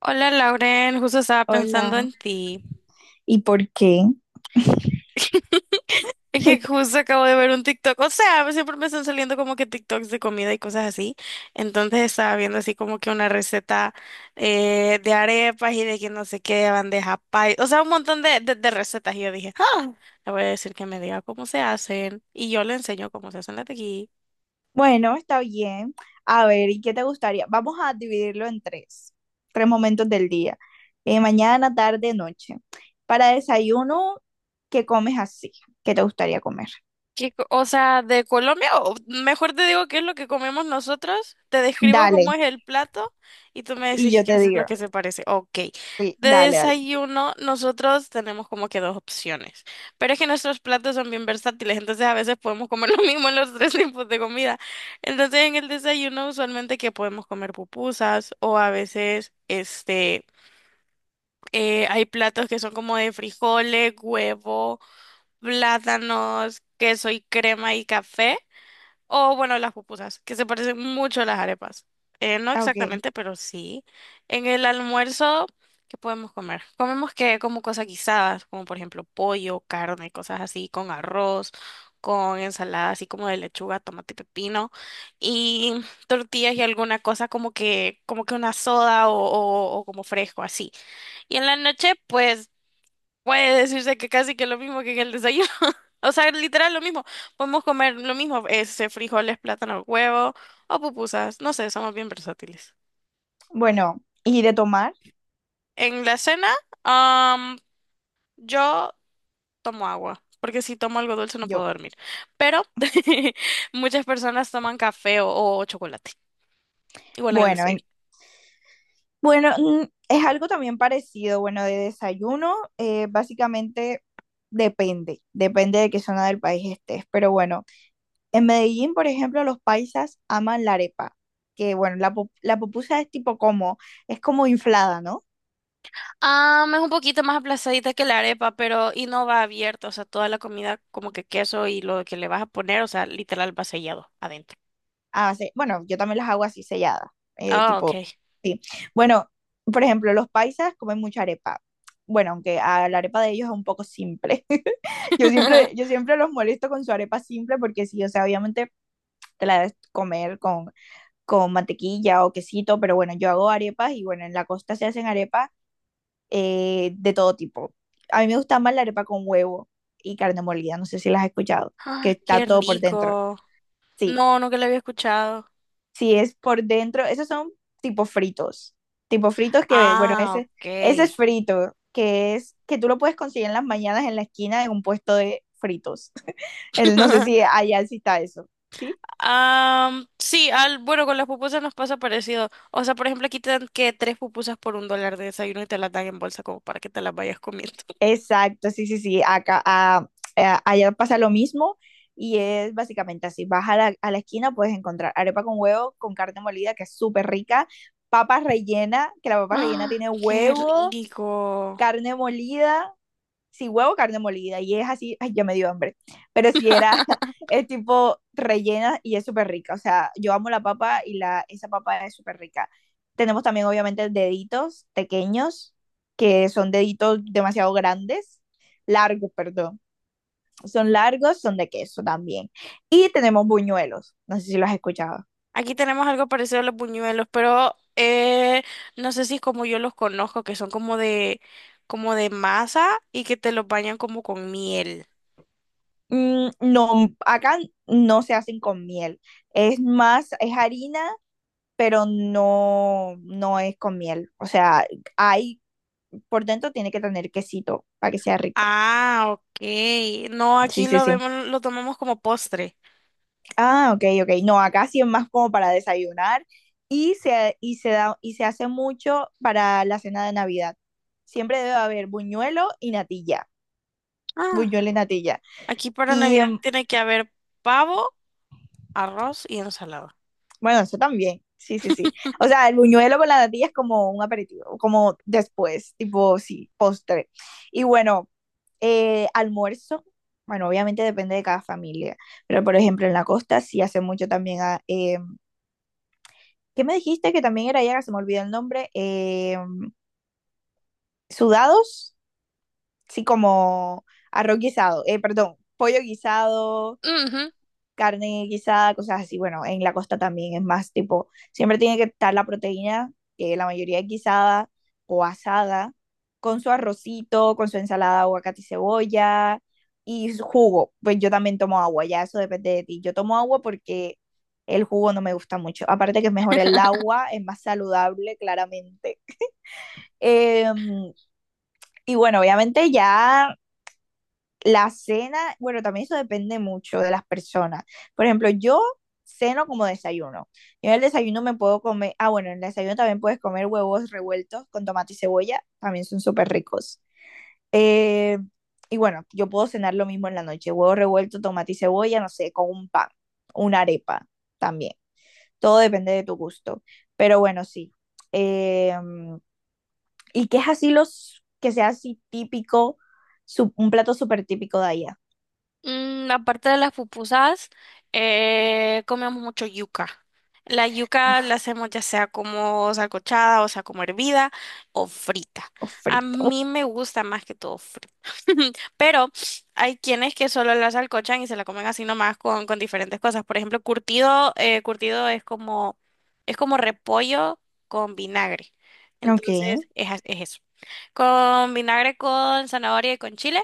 Hola Lauren, justo estaba pensando Hola. en ti. ¿Y por qué? Es que justo acabo de ver un TikTok, o sea, siempre me están saliendo como que TikToks de comida y cosas así. Entonces estaba viendo así como que una receta de arepas y de que no sé qué, bandeja pay, o sea, un montón de recetas. Y yo dije, ah, le voy a decir que me diga cómo se hacen y yo le enseño cómo se hacen las de aquí. Bueno, está bien. A ver, ¿y qué te gustaría? Vamos a dividirlo en tres, tres momentos del día. Mañana, tarde, noche. Para desayuno, ¿qué comes así? ¿Qué te gustaría comer? ¿Qué co- o sea, de Colombia, o mejor te digo qué es lo que comemos nosotros? Te describo Dale, cómo es el plato y tú me y decís yo qué te es lo digo. que se parece. Ok, Sí, de dale, dale. desayuno nosotros tenemos como que dos opciones, pero es que nuestros platos son bien versátiles, entonces a veces podemos comer lo mismo en los tres tipos de comida. Entonces en el desayuno usualmente que podemos comer pupusas o a veces hay platos que son como de frijoles, huevo, plátanos, queso y crema y café. O bueno, las pupusas, que se parecen mucho a las arepas. No Ah, ok. exactamente, pero sí. En el almuerzo, ¿qué podemos comer? Comemos que como cosas guisadas, como por ejemplo pollo, carne, cosas así, con arroz, con ensalada así como de lechuga, tomate y pepino, y tortillas y alguna cosa como que una soda o como fresco así. Y en la noche, pues puede decirse que casi que lo mismo que el desayuno. O sea, literal lo mismo. Podemos comer lo mismo, ese frijoles, plátano, huevo o pupusas. No sé, somos bien versátiles. Bueno, ¿y de tomar? En la cena, am, yo tomo agua, porque si tomo algo dulce no puedo Yo. dormir. Pero muchas personas toman café o chocolate. Igual en el Bueno, en- desayuno. bueno, es algo también parecido. Bueno, de desayuno, básicamente depende de qué zona del país estés, pero bueno. En Medellín, por ejemplo, los paisas aman la arepa, que bueno, la pupusa es es como inflada, ¿no? Ah, es un poquito más aplazadita que la arepa, pero y no va abierta, o sea, toda la comida como que queso y lo que le vas a poner, o sea, literal va sellado adentro. Bueno, yo también las hago así selladas, eh, Ah, ok. tipo, sí. Bueno, por ejemplo, los paisas comen mucha arepa. Bueno, aunque a la arepa de ellos es un poco simple. Yo siempre los molesto con su arepa simple porque sí, o sea, obviamente te la debes con mantequilla o quesito, pero bueno, yo hago arepas y bueno, en la costa se hacen arepas de todo tipo. A mí me gusta más la arepa con huevo y carne molida, no sé si las has escuchado, que Ah, está qué todo por dentro. rico. Sí, No, nunca lo había escuchado. sí es por dentro, esos son tipo fritos, tipo fritos que, bueno, Ah, ese ok. es frito, que es que tú lo puedes conseguir en las mañanas en la esquina de un puesto de fritos. El- no sé si allá sí está eso, ¿sí? Am, sí, al, bueno, con las pupusas nos pasa parecido. O sea, por ejemplo, aquí te dan que tres pupusas por un dólar de desayuno y te las dan en bolsa como para que te las vayas comiendo. Exacto, sí, sí, sí. Allá pasa lo mismo y es básicamente así. Vas a a la esquina, puedes encontrar arepa con huevo, con carne molida, que es súper rica, papa rellena, que la papa rellena Ah, tiene qué huevo, rico. carne molida si huevo, carne molida, y es así, ay, ya me dio hambre, pero si era, es tipo rellena y es súper rica, o sea, yo amo la papa esa papa es súper rica. Tenemos también, obviamente, deditos pequeños, que son deditos demasiado grandes, largos, perdón, son largos, son de queso también. Y tenemos buñuelos, no sé si los has escuchado. Aquí tenemos algo parecido a los buñuelos, pero no sé si es como yo los conozco, que son como de masa y que te los bañan como con miel. No, acá no se hacen con miel, es más, es harina pero no, no es con miel. O sea, hay, por dentro tiene que tener quesito para que sea rico. Ah, ok. No, Sí, aquí sí, lo sí. vemos, lo tomamos como postre. Ah, ok, ok. No, acá sí es más como para desayunar y se da, y se hace mucho para la cena de Navidad. Siempre debe haber buñuelo y natilla. Ah, Buñuelo y natilla. aquí para Y Navidad em, tiene que haber pavo, arroz y ensalada. bueno, eso también. Sí, sí, sí. O sea, el buñuelo con la natilla es como un aperitivo, como después, tipo, sí, postre. Y bueno, almuerzo, bueno, obviamente depende de cada familia, pero por ejemplo en la costa sí hace mucho también. ¿Qué me dijiste que también era ya? Se me olvidó el nombre. Sudados, sí, como arroz guisado, perdón, pollo guisado, carne guisada, cosas así. Bueno, en la costa también es más tipo, siempre tiene que estar la proteína, que la mayoría es guisada o asada, con su arrocito, con su ensalada, aguacate y cebolla y su jugo. Pues yo también tomo agua, ya eso depende de ti. Yo tomo agua porque el jugo no me gusta mucho. Aparte que es mejor el agua, es más saludable, claramente. Eh, y bueno, obviamente ya la cena, bueno, también eso depende mucho de las personas. Por ejemplo, yo ceno como desayuno. Yo en el desayuno me puedo comer. Bueno, en el desayuno también puedes comer huevos revueltos con tomate y cebolla, también son súper ricos. Eh, y bueno, yo puedo cenar lo mismo en la noche, huevos revueltos, tomate y cebolla, no sé, con un pan, una arepa también. Todo depende de tu gusto. Pero bueno, sí. Eh, ¿Y qué es así que sea así típico, un plato súper típico de allá? Mm, aparte de las pupusas, comemos mucho yuca. La yuca la hacemos ya sea como salcochada, o sea, como hervida o frita. A Frito. mí me gusta más que todo frita. Pero hay quienes que solo la salcochan y se la comen así nomás con diferentes cosas. Por ejemplo, curtido, curtido es como repollo con vinagre. Ok. Entonces, es, a- es eso. Con vinagre, con zanahoria y con chile.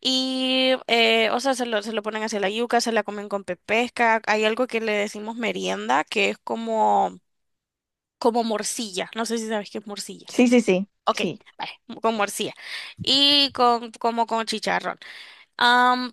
Y, o sea, se lo ponen hacia la yuca, se la comen con pepesca. Hay algo que le decimos merienda, que es como, como morcilla. No sé si sabes qué es morcilla. Sí, sí, sí, Ok, sí. vale, con morcilla. Y con, como con chicharrón. Am,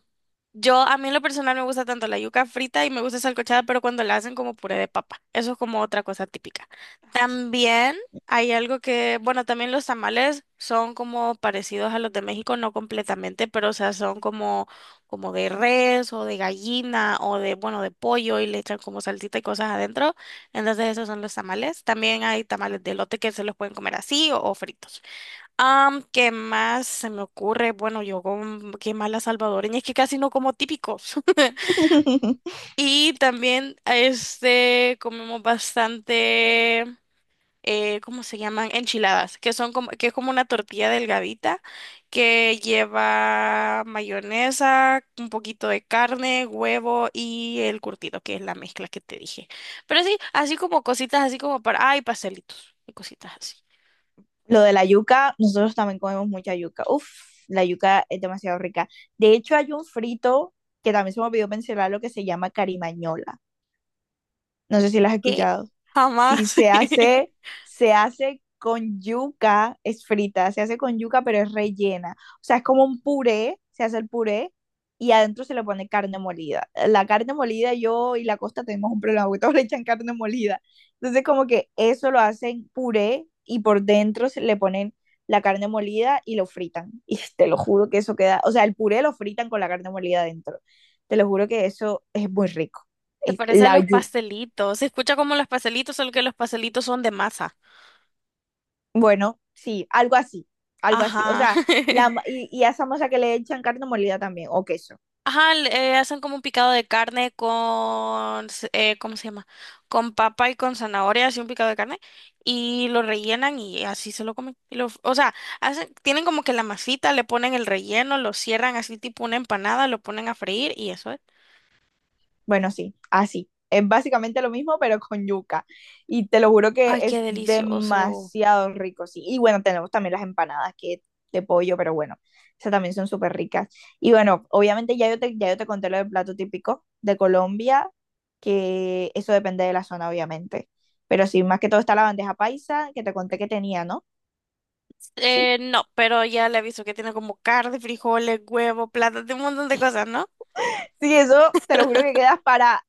yo, a mí en lo personal me gusta tanto la yuca frita y me gusta salcochada, pero cuando la hacen como puré de papa. Eso es como otra cosa típica. También hay algo que, bueno, también los tamales son como parecidos a los de México, no completamente, pero o sea, son como, como de res o de gallina o de, bueno, de pollo y le echan como salsita y cosas adentro. Entonces esos son los tamales. También hay tamales de elote que se los pueden comer así o fritos. Am, ¿qué más se me ocurre? Bueno, yo con qué más la salvadoreña, es que casi no como típicos. Ay, Y también este comemos bastante ¿cómo se llaman? Enchiladas, que son como, que es como una tortilla delgadita que lleva mayonesa, un poquito de carne, huevo y el curtido, que es la mezcla que te dije. Pero sí, así como cositas, así como para, ay, pastelitos y cositas así. lo de la yuca, nosotros también comemos mucha yuca. Uf, la yuca es demasiado rica. De hecho, hay un frito que también se me olvidó mencionar, lo que se llama carimañola. No sé si las has Que escuchado. Si jamás. se hace, se hace con yuca, es frita, se hace con yuca, pero es rellena. O sea, es como un puré, se hace el puré y adentro se le pone carne molida. La carne molida, yo y la Costa tenemos un problema, porque todos le echan carne molida. Entonces, como que eso lo hacen puré y por dentro se le ponen la carne molida y lo fritan. Y te lo juro que eso queda, o sea, el puré lo fritan con la carne molida adentro. Te lo juro que eso es muy rico. Se Es parece a la los yuca. pastelitos. Se escucha como los pastelitos, solo que los pastelitos son de masa. Bueno, sí, algo así, algo así. O Ajá. sea, y a esa masa que le echan carne molida también, o queso. Ajá, le- hacen como un picado de carne con, s- ¿cómo se llama? Con papa y con zanahoria, así un picado de carne, y lo rellenan y así se lo comen. Y lo- o sea, hacen, tienen como que la masita, le ponen el relleno, lo cierran así tipo una empanada, lo ponen a freír y eso es. Bueno, sí, así. Es básicamente lo mismo, pero con yuca. Y te lo juro que Ay, qué es delicioso. demasiado rico, sí. Y bueno, tenemos también las empanadas que de pollo, pero bueno, esas también son súper ricas. Y bueno, obviamente ya yo te conté lo del plato típico de Colombia, que eso depende de la zona, obviamente. Pero sí, más que todo está la bandeja paisa, que te conté que tenía, ¿no? Sí. No, pero ya le aviso que tiene como carne, frijoles, huevo, plátano, un montón de cosas, ¿no? Sí, eso te lo juro que quedas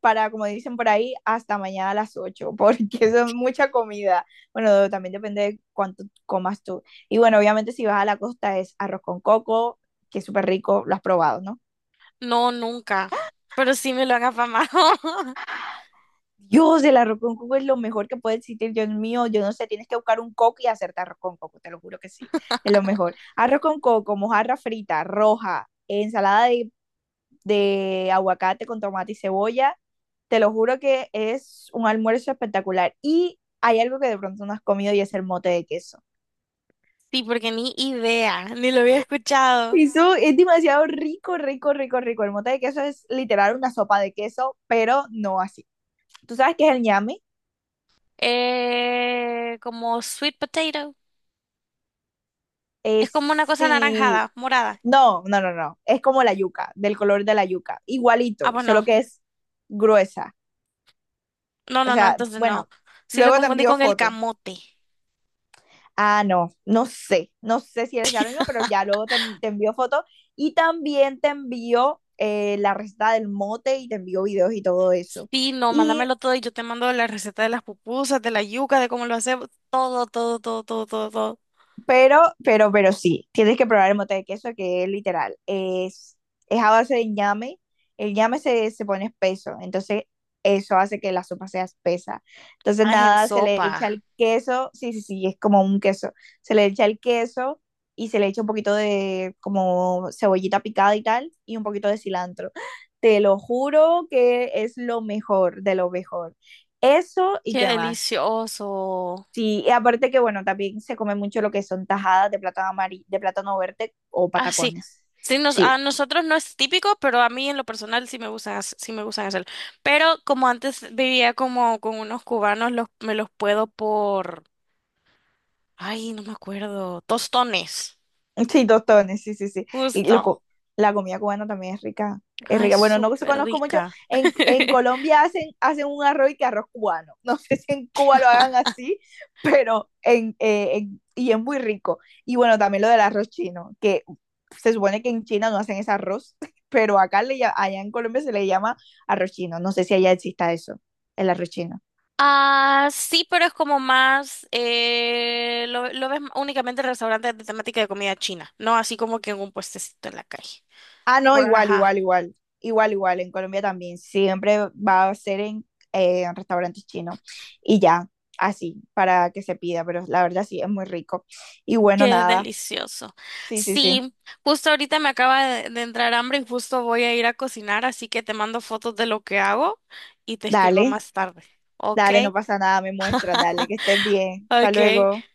para, como dicen por ahí, hasta mañana a las 8 porque eso es mucha comida. Bueno, también depende de cuánto comas tú. Y bueno, obviamente si vas a la costa es arroz con coco, que es súper rico, lo has probado, ¿no? No, nunca. Pero sí me lo han afamado. Dios, el arroz con coco es lo mejor que puede existir, Dios mío, yo no sé, tienes que buscar un coco y hacerte arroz con coco, te lo juro que sí, es lo mejor. Arroz con coco, mojarra frita, roja, ensalada de aguacate con tomate y cebolla. Te lo juro que es un almuerzo espectacular. Y hay algo que de pronto no has comido y es el mote de queso. Sí, porque ni idea, ni lo había escuchado. Eso es demasiado rico, rico, rico, rico. El mote de queso es literal una sopa de queso, pero no así. ¿Tú sabes qué es el ñame? Como sweet potato. Es Es como una cosa sí. anaranjada, morada. No, no, no, no. Es como la yuca, del color de la yuca. Ah, Igualito, pues solo no. que es gruesa. No, O no, no, sea, entonces no. bueno, Sí lo luego te confundí envío con el foto. camote. Ah, no, no sé, no sé si sea lo mismo, pero ya te envió fotos y también te envió la receta del mote y te envió videos y todo eso. Sí, no, Y mándamelo todo y yo te mando la receta de las pupusas, de la yuca, de cómo lo hacemos. Todo, todo, todo, todo, todo, todo. pero, pero sí, tienes que probar el mote de queso que es literal. Es a base de ñame. Se pone espeso, entonces eso hace que la sopa sea espesa. Entonces Ah, es en nada, se le sopa. echa el queso, sí, sí, sí, es como un queso. Se le echa el queso y se le echa un poquito de como cebollita picada y tal, y un poquito de cilantro. Te lo juro que es lo mejor, de lo mejor. Eso y Qué qué más. delicioso. Sí, y aparte que bueno, también se come mucho lo que son tajadas de plátano amarillo, de plátano verde o Ah, sí. patacones. Sí, nos, Sí, a nosotros no es típico, pero a mí en lo personal sí me gustan, hac- sí me gustan hacerlo. Pero como antes vivía como con unos cubanos, los, me los puedo por, ay, no me acuerdo, tostones, sí, tostones, sí, sí, sí. Y justo. loco, la comida cubana también es rica. Es Ay, rica. Bueno, no se súper conozco mucho. rica. En Colombia hacen un arroz y que arroz cubano. No sé si en Cuba lo hagan así, pero en, y es muy rico. Y bueno, también lo del arroz chino, que se supone que en China no hacen ese arroz, pero allá en Colombia se le llama arroz chino. No sé si allá exista eso, el arroz chino. Ah, sí, pero es como más, lo ves únicamente en restaurantes de temática de comida china, no así como que en un puestecito en la calle. Ah, no, Por, igual, igual, ajá. igual. Igual, igual, en Colombia también. Siempre va a ser en restaurantes chinos. Y ya, así, para que se pida, pero la verdad sí, es muy rico. Y bueno, Qué nada. delicioso. Sí, sí, sí. Sí, justo ahorita me acaba de entrar hambre y justo voy a ir a cocinar, así que te mando fotos de lo que hago y te escribo Dale, más tarde. Ok, dale, no pasa nada, me muestra, dale, que estés bien. Hasta ok. luego.